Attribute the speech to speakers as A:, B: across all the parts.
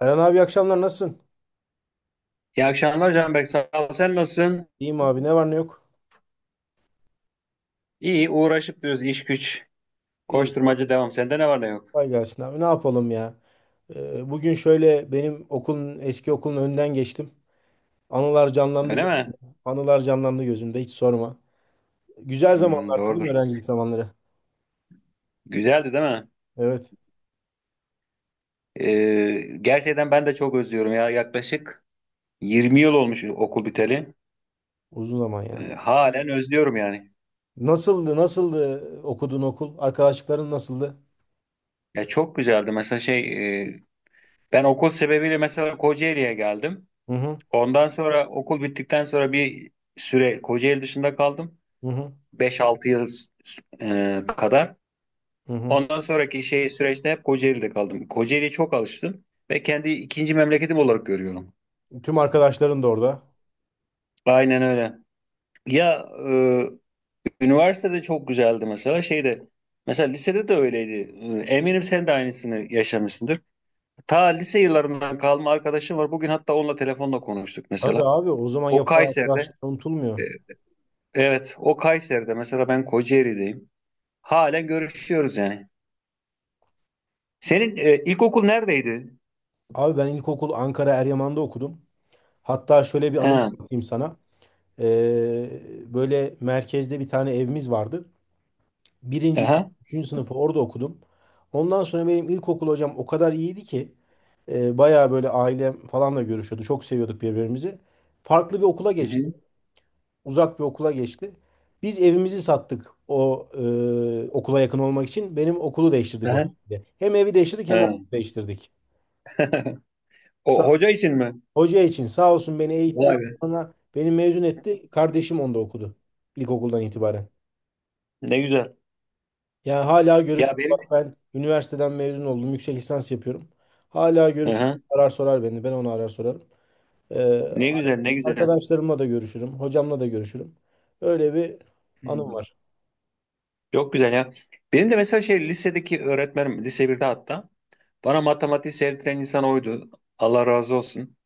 A: Eren abi, iyi akşamlar, nasılsın?
B: İyi akşamlar Canberk. Sağ ol. Sen nasılsın?
A: İyiyim abi, ne var ne yok?
B: İyi. Uğraşıp diyoruz. İş güç.
A: İyi.
B: Koşturmacı devam. Sende ne var ne yok?
A: Kolay gelsin abi. Ne yapalım ya? Bugün şöyle benim okulun eski okulun önünden geçtim. Anılar canlandı
B: Öyle
A: gö-
B: mi?
A: anılar canlandı gözümde, hiç sorma. Güzel
B: Hmm,
A: zamanlardı değil mi,
B: doğrudur.
A: öğrencilik zamanları?
B: Güzeldi değil mi?
A: Evet.
B: Gerçekten ben de çok özlüyorum ya. Yaklaşık 20 yıl olmuş okul biteli.
A: Uzun zaman ya.
B: Halen özlüyorum yani.
A: Nasıldı? Nasıldı okuduğun okul? Arkadaşlıkların nasıldı?
B: Ya çok güzeldi. Mesela e, ben okul sebebiyle mesela Kocaeli'ye geldim.
A: Hı hı.
B: Ondan sonra okul bittikten sonra bir süre Kocaeli dışında kaldım.
A: Hı hı.
B: 5-6 yıl kadar.
A: Hı hı.
B: Ondan sonraki süreçte hep Kocaeli'de kaldım. Kocaeli'ye çok alıştım ve kendi ikinci memleketim olarak görüyorum.
A: Tüm arkadaşların da orada.
B: Aynen öyle. Ya Üniversitede çok güzeldi mesela. Mesela lisede de öyleydi. Eminim sen de aynısını yaşamışsındır. Ta lise yıllarından kalma arkadaşım var. Bugün hatta onunla telefonla konuştuk
A: Tabii
B: mesela.
A: abi, o zaman
B: O
A: yapılan
B: Kayseri'de.
A: arkadaşlıklar unutulmuyor.
B: e, evet, o Kayseri'de mesela ben Kocaeli'deyim. Halen görüşüyoruz yani. Senin ilkokul neredeydi?
A: Abi ben ilkokul Ankara Eryaman'da okudum. Hatta şöyle bir anım
B: He.
A: anlatayım sana. Böyle merkezde bir tane evimiz vardı. Birinci, ikinci,
B: Aha.
A: üçüncü sınıfı orada okudum. Ondan sonra benim ilkokul hocam o kadar iyiydi ki bayağı böyle ailem falanla görüşüyordu. Çok seviyorduk birbirimizi. Farklı bir okula
B: Hı hı.
A: geçti. Uzak bir okula geçti. Biz evimizi sattık, o okula yakın olmak için. Benim okulu değiştirdik o
B: Aha.
A: şekilde. Hem evi değiştirdik hem
B: He.
A: okulu değiştirdik.
B: O hoca için mi?
A: Hoca için sağ olsun beni eğitti.
B: Vay
A: Daha
B: be.
A: sonra beni mezun etti. Kardeşim onda okudu. İlkokuldan itibaren.
B: Ne güzel.
A: Yani hala
B: Ya
A: görüşürüz.
B: benim.
A: Bak, ben üniversiteden mezun oldum. Yüksek lisans yapıyorum. Hala görüşürüz.
B: Aha.
A: Arar sorar beni. Ben onu arar sorarım. Ee,
B: Ne güzel, ne güzel.
A: Arkadaşlarımla da görüşürüm. Hocamla da görüşürüm. Öyle bir anım
B: Hmm.
A: var.
B: Çok güzel ya. Benim de mesela lisedeki öğretmenim lise birde hatta bana matematiği sevdiren insan oydu. Allah razı olsun.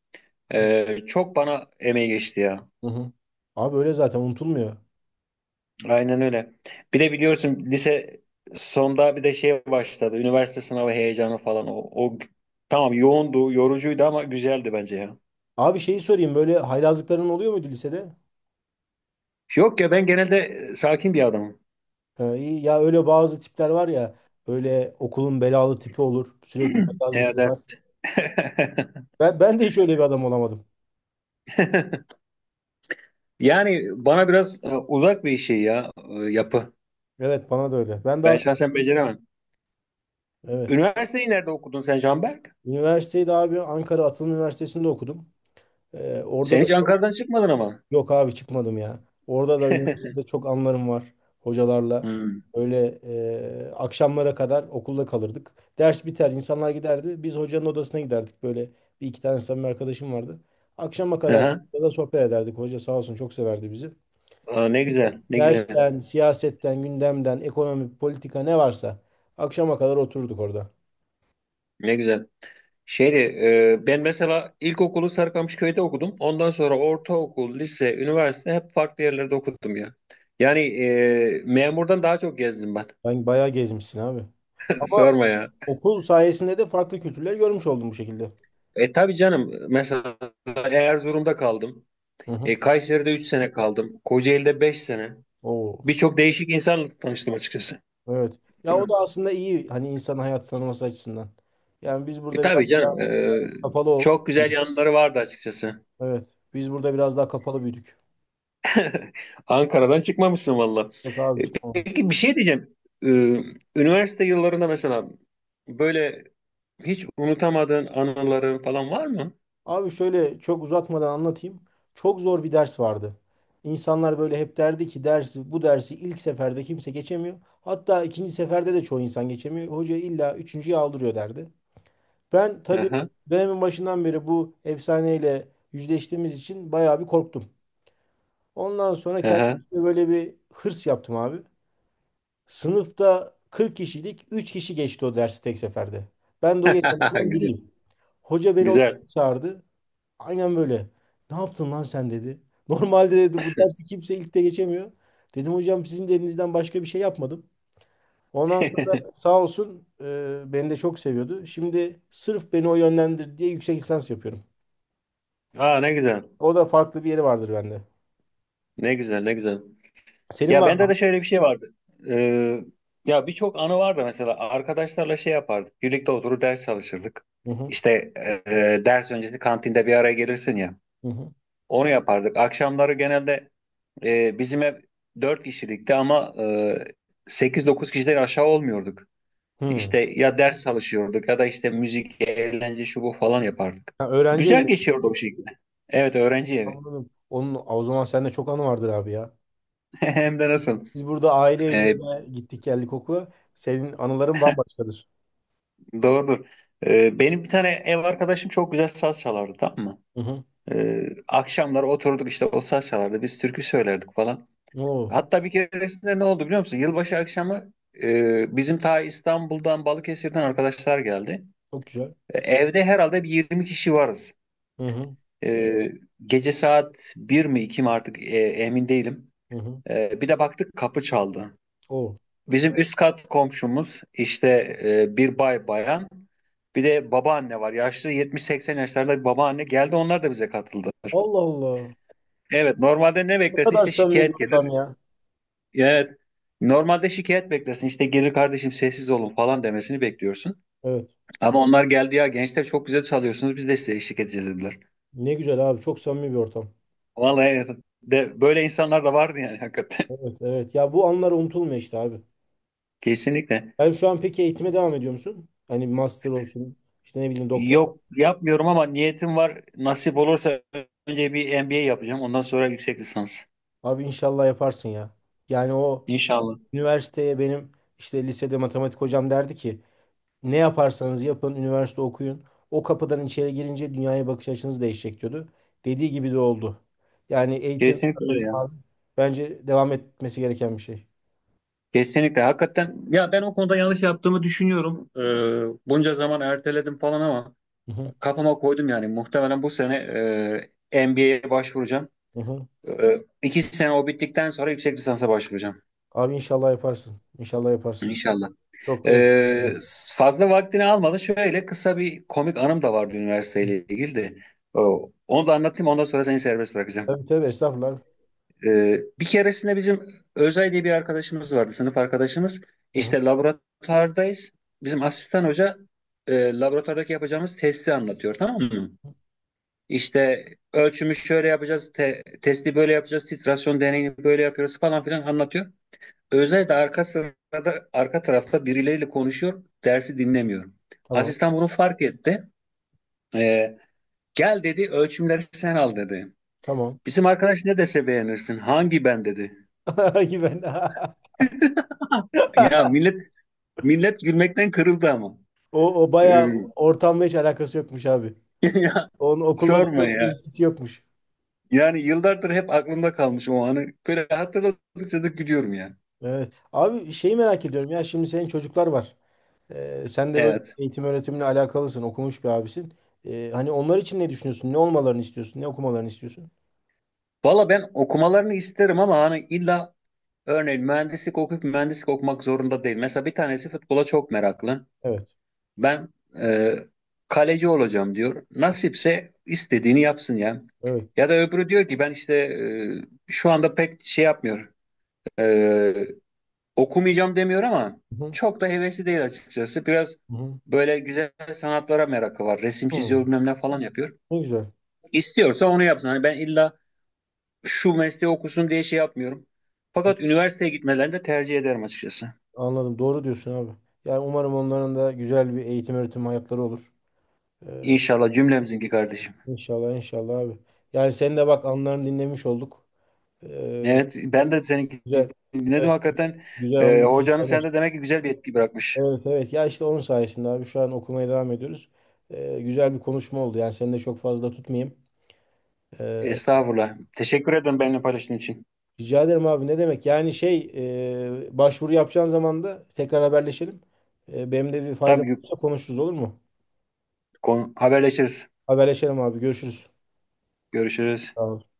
A: Hı
B: Çok bana emeği geçti ya.
A: hı. Hı. Abi öyle zaten unutulmuyor.
B: Aynen öyle. Bir de biliyorsun lise sonda bir de başladı. Üniversite sınavı heyecanı falan. O tamam yoğundu, yorucuydu ama güzeldi bence ya.
A: Abi şeyi sorayım. Böyle haylazlıkların oluyor muydu lisede?
B: Yok ya ben genelde sakin bir adamım.
A: İyi. Ya öyle bazı tipler var ya. Böyle okulun belalı tipi olur. Sürekli haylazlık yapar.
B: Evet, evet.
A: Ben de hiç öyle bir adam olamadım.
B: Yani bana biraz uzak bir yapı.
A: Evet, bana da öyle. Ben daha
B: Ben
A: saf-
B: şahsen beceremem.
A: Evet.
B: Üniversiteyi nerede okudun sen Canberk?
A: Üniversiteyi de abi Ankara Atılım Üniversitesi'nde okudum. Orada
B: Sen
A: da
B: hiç Ankara'dan çıkmadın ama.
A: yok abi, çıkmadım ya. Orada da üniversitede çok anlarım var hocalarla.
B: Hmm.
A: Öyle akşamlara kadar okulda kalırdık. Ders biter, insanlar giderdi. Biz hocanın odasına giderdik. Böyle bir iki tane samimi arkadaşım vardı. Akşama kadar
B: Aha.
A: da sohbet ederdik. Hoca sağ olsun çok severdi bizi.
B: Aa, ne güzel, ne güzel,
A: Dersten, siyasetten, gündemden, ekonomi, politika, ne varsa akşama kadar otururduk orada.
B: ne güzel. Şeydi, Ben mesela ilkokulu Sarıkamışköy'de okudum. Ondan sonra ortaokul, lise, üniversite hep farklı yerlerde okudum ya. Memurdan daha çok gezdim ben.
A: Ben bayağı gezmişsin abi. Ama
B: Sorma ya.
A: okul sayesinde de farklı kültürler görmüş oldum bu şekilde.
B: E tabii canım, mesela Erzurum'da kaldım.
A: Hı hı.
B: Kayseri'de 3 sene kaldım. Kocaeli'de 5 sene.
A: Oo,
B: Birçok değişik insanla tanıştım açıkçası.
A: evet. Ya o da aslında iyi, hani insan hayatı tanıması açısından. Yani biz burada biraz
B: Tabii
A: daha
B: canım.
A: kapalı ol.
B: Çok güzel yanları vardı açıkçası.
A: Evet. Biz burada biraz daha kapalı büyüdük.
B: Ankara'dan çıkmamışsın valla.
A: Yok
B: E,
A: abi, çıkmadım.
B: peki bir şey diyeceğim. E, Üniversite yıllarında mesela böyle hiç unutamadığın anıların falan var mı?
A: Abi şöyle çok uzatmadan anlatayım. Çok zor bir ders vardı. İnsanlar böyle hep derdi ki bu dersi ilk seferde kimse geçemiyor. Hatta ikinci seferde de çoğu insan geçemiyor. Hoca illa üçüncüye aldırıyor derdi. Ben tabii
B: Aha,
A: dönemin başından beri bu efsaneyle yüzleştiğimiz için bayağı bir korktum. Ondan sonra
B: aha.
A: kendime böyle bir hırs yaptım abi. Sınıfta 40 kişiydik. Üç kişi geçti o dersi tek seferde. Ben de o geçenlerden
B: Güzel.
A: biriyim. Hoca beni
B: Güzel.
A: odasına çağırdı. Aynen böyle. Ne yaptın lan sen dedi. Normalde dedi bu dersi kimse ilk de geçemiyor. Dedim hocam, sizin de elinizden başka bir şey yapmadım. Ondan sonra sağ olsun beni de çok seviyordu. Şimdi sırf beni o yönlendir diye yüksek lisans yapıyorum.
B: Aa ne güzel.
A: O da farklı bir yeri vardır bende.
B: Ne güzel, ne güzel.
A: Senin
B: Ya
A: var
B: bende de
A: mı?
B: şöyle bir şey vardı. Ee, Ya birçok anı vardı mesela. Arkadaşlarla yapardık. Birlikte oturup ders çalışırdık.
A: Hı hı.
B: İşte ders öncesi kantinde bir araya gelirsin ya.
A: Hı hı.
B: Onu yapardık. Akşamları genelde bizim ev 4 kişilikti ama 8-9 kişiden aşağı olmuyorduk.
A: Hı.
B: İşte ya ders çalışıyorduk ya da işte müzik, eğlence şu bu falan yapardık.
A: Ha, öğrenci
B: Güzel
A: evi.
B: geçiyordu o şekilde. Evet öğrenci evi.
A: Anladım. O zaman sende çok anı vardır abi ya.
B: Hem de nasıl?
A: Biz burada aile
B: E,
A: evine gittik geldik okula. Senin anıların bambaşkadır.
B: Doğrudur. Benim bir tane ev arkadaşım çok güzel saz çalardı, tamam mı?
A: Hı hı.
B: Akşamlar oturduk işte o saz çalardı. Biz türkü söylerdik falan.
A: Oo,
B: Hatta bir keresinde ne oldu biliyor musun? Yılbaşı akşamı bizim ta İstanbul'dan Balıkesir'den arkadaşlar geldi.
A: çok güzel.
B: E, Evde herhalde bir 20 kişi varız.
A: Hı hı.
B: E, Gece saat bir mi 2 mi artık emin değilim.
A: Hı hı.
B: Bir de baktık kapı çaldı.
A: Oo.
B: Bizim üst kat komşumuz işte bir bay bayan. Bir de babaanne var. Yaşlı 70-80 yaşlarında bir babaanne geldi. Onlar da bize katıldılar.
A: Allah Allah.
B: Evet, normalde ne
A: Ne
B: beklersin?
A: kadar
B: İşte
A: samimi bir
B: şikayet gelir.
A: ortam ya.
B: Evet. Normalde şikayet beklersin. İşte gelir kardeşim sessiz olun falan demesini bekliyorsun.
A: Evet.
B: Ama onlar geldi ya gençler çok güzel çalıyorsunuz. Biz de size eşlik edeceğiz dediler.
A: Ne güzel abi. Çok samimi bir ortam.
B: Vallahi evet, böyle insanlar da vardı yani hakikaten.
A: Evet, evet. Ya bu anlar unutulmuyor işte abi.
B: Kesinlikle.
A: Ben şu an peki eğitime devam ediyor musun? Hani master olsun, işte ne bileyim, doktor.
B: Yok yapmıyorum ama niyetim var. Nasip olursa önce bir MBA yapacağım. Ondan sonra yüksek lisans.
A: Abi inşallah yaparsın ya. Yani o
B: İnşallah.
A: üniversiteye, benim işte lisede matematik hocam derdi ki ne yaparsanız yapın üniversite okuyun. O kapıdan içeri girince dünyaya bakış açınız değişecek diyordu. Dediği gibi de oldu. Yani eğitim,
B: Kesinlikle öyle
A: öğretim
B: ya.
A: abi bence devam etmesi gereken bir şey.
B: Kesinlikle. Hakikaten ya ben o konuda yanlış yaptığımı düşünüyorum. Bunca zaman erteledim falan ama
A: Hı hı,
B: kafama koydum yani. Muhtemelen bu sene NBA'ye başvuracağım.
A: hı hı.
B: İki sene o bittikten sonra yüksek lisansa başvuracağım.
A: Abi inşallah yaparsın. İnşallah yaparsın.
B: İnşallah.
A: Çok da yakın.
B: Ee, Fazla vaktini almadı. Şöyle kısa bir komik anım da vardı üniversiteyle ilgili de. Onu da anlatayım ondan sonra seni serbest bırakacağım.
A: Tabii tabii, estağfurullah abi.
B: Bir keresinde bizim Özay diye bir arkadaşımız vardı, sınıf arkadaşımız.
A: Hı hı.
B: İşte laboratuvardayız. Bizim asistan hoca laboratuvardaki yapacağımız testi anlatıyor, tamam mı? İşte ölçümü şöyle yapacağız, testi böyle yapacağız, titrasyon deneyini böyle yapıyoruz falan filan anlatıyor. Özay da arka sırada, arka tarafta birileriyle konuşuyor, dersi dinlemiyor.
A: Tamam.
B: Asistan bunu fark etti. Ee, Gel dedi, ölçümleri sen al dedi.
A: Tamam.
B: Bizim arkadaş ne dese beğenirsin, hangi ben dedi.
A: Güven.
B: Ya millet Millet gülmekten kırıldı ama.
A: O
B: Ee,
A: bayağı ortamla hiç alakası yokmuş abi.
B: ya
A: Onun okulla da
B: sorma
A: çok bir
B: ya.
A: ilişkisi yokmuş.
B: Yani yıllardır hep aklımda kalmış o anı. Böyle hatırladıkça da gülüyorum yani.
A: Evet. Abi şeyi merak ediyorum, ya şimdi senin çocuklar var. Sen de böyle
B: Evet.
A: eğitim öğretimle alakalısın, okumuş bir abisin. Hani onlar için ne düşünüyorsun? Ne olmalarını istiyorsun? Ne okumalarını istiyorsun?
B: Valla ben okumalarını isterim ama hani illa örneğin mühendislik okuyup mühendislik okumak zorunda değil. Mesela bir tanesi futbola çok meraklı.
A: Evet.
B: Ben e, Kaleci olacağım diyor. Nasipse istediğini yapsın ya.
A: Evet.
B: Ya da öbürü diyor ki ben işte şu anda pek şey yapmıyor. E, Okumayacağım demiyor ama
A: Hı hı.
B: çok da hevesi değil açıkçası. Biraz
A: Hı
B: böyle güzel sanatlara merakı var. Resim
A: hı.
B: çiziyor bilmem ne falan yapıyor.
A: Ne güzel.
B: İstiyorsa onu yapsın. Hani ben illa şu mesleği okusun diye şey yapmıyorum.
A: Hı.
B: Fakat üniversiteye gitmelerini de tercih ederim açıkçası.
A: Anladım. Doğru diyorsun abi. Yani umarım onların da güzel bir eğitim öğretim hayatları olur. Ee,
B: İnşallah cümlemizinki kardeşim.
A: inşallah inşallah abi. Yani sen de bak, anılarını dinlemiş olduk. Ee,
B: Evet ben de seninki
A: Güzel.
B: dinledim
A: Evet.
B: hakikaten.
A: Güzel anılar.
B: Hocanın sende demek ki güzel bir etki bırakmış.
A: Evet evet ya, işte onun sayesinde abi şu an okumaya devam ediyoruz. Güzel bir konuşma oldu, yani seni de çok fazla tutmayayım. Ee,
B: Estağfurullah. Teşekkür ederim benimle paylaştığın için.
A: Rica ederim abi, ne demek yani başvuru yapacağın zaman da tekrar haberleşelim. Benim de bir faydam
B: Tabii ki
A: olursa konuşuruz olur mu?
B: haberleşiriz.
A: Haberleşelim abi, görüşürüz.
B: Görüşürüz.
A: Tamam.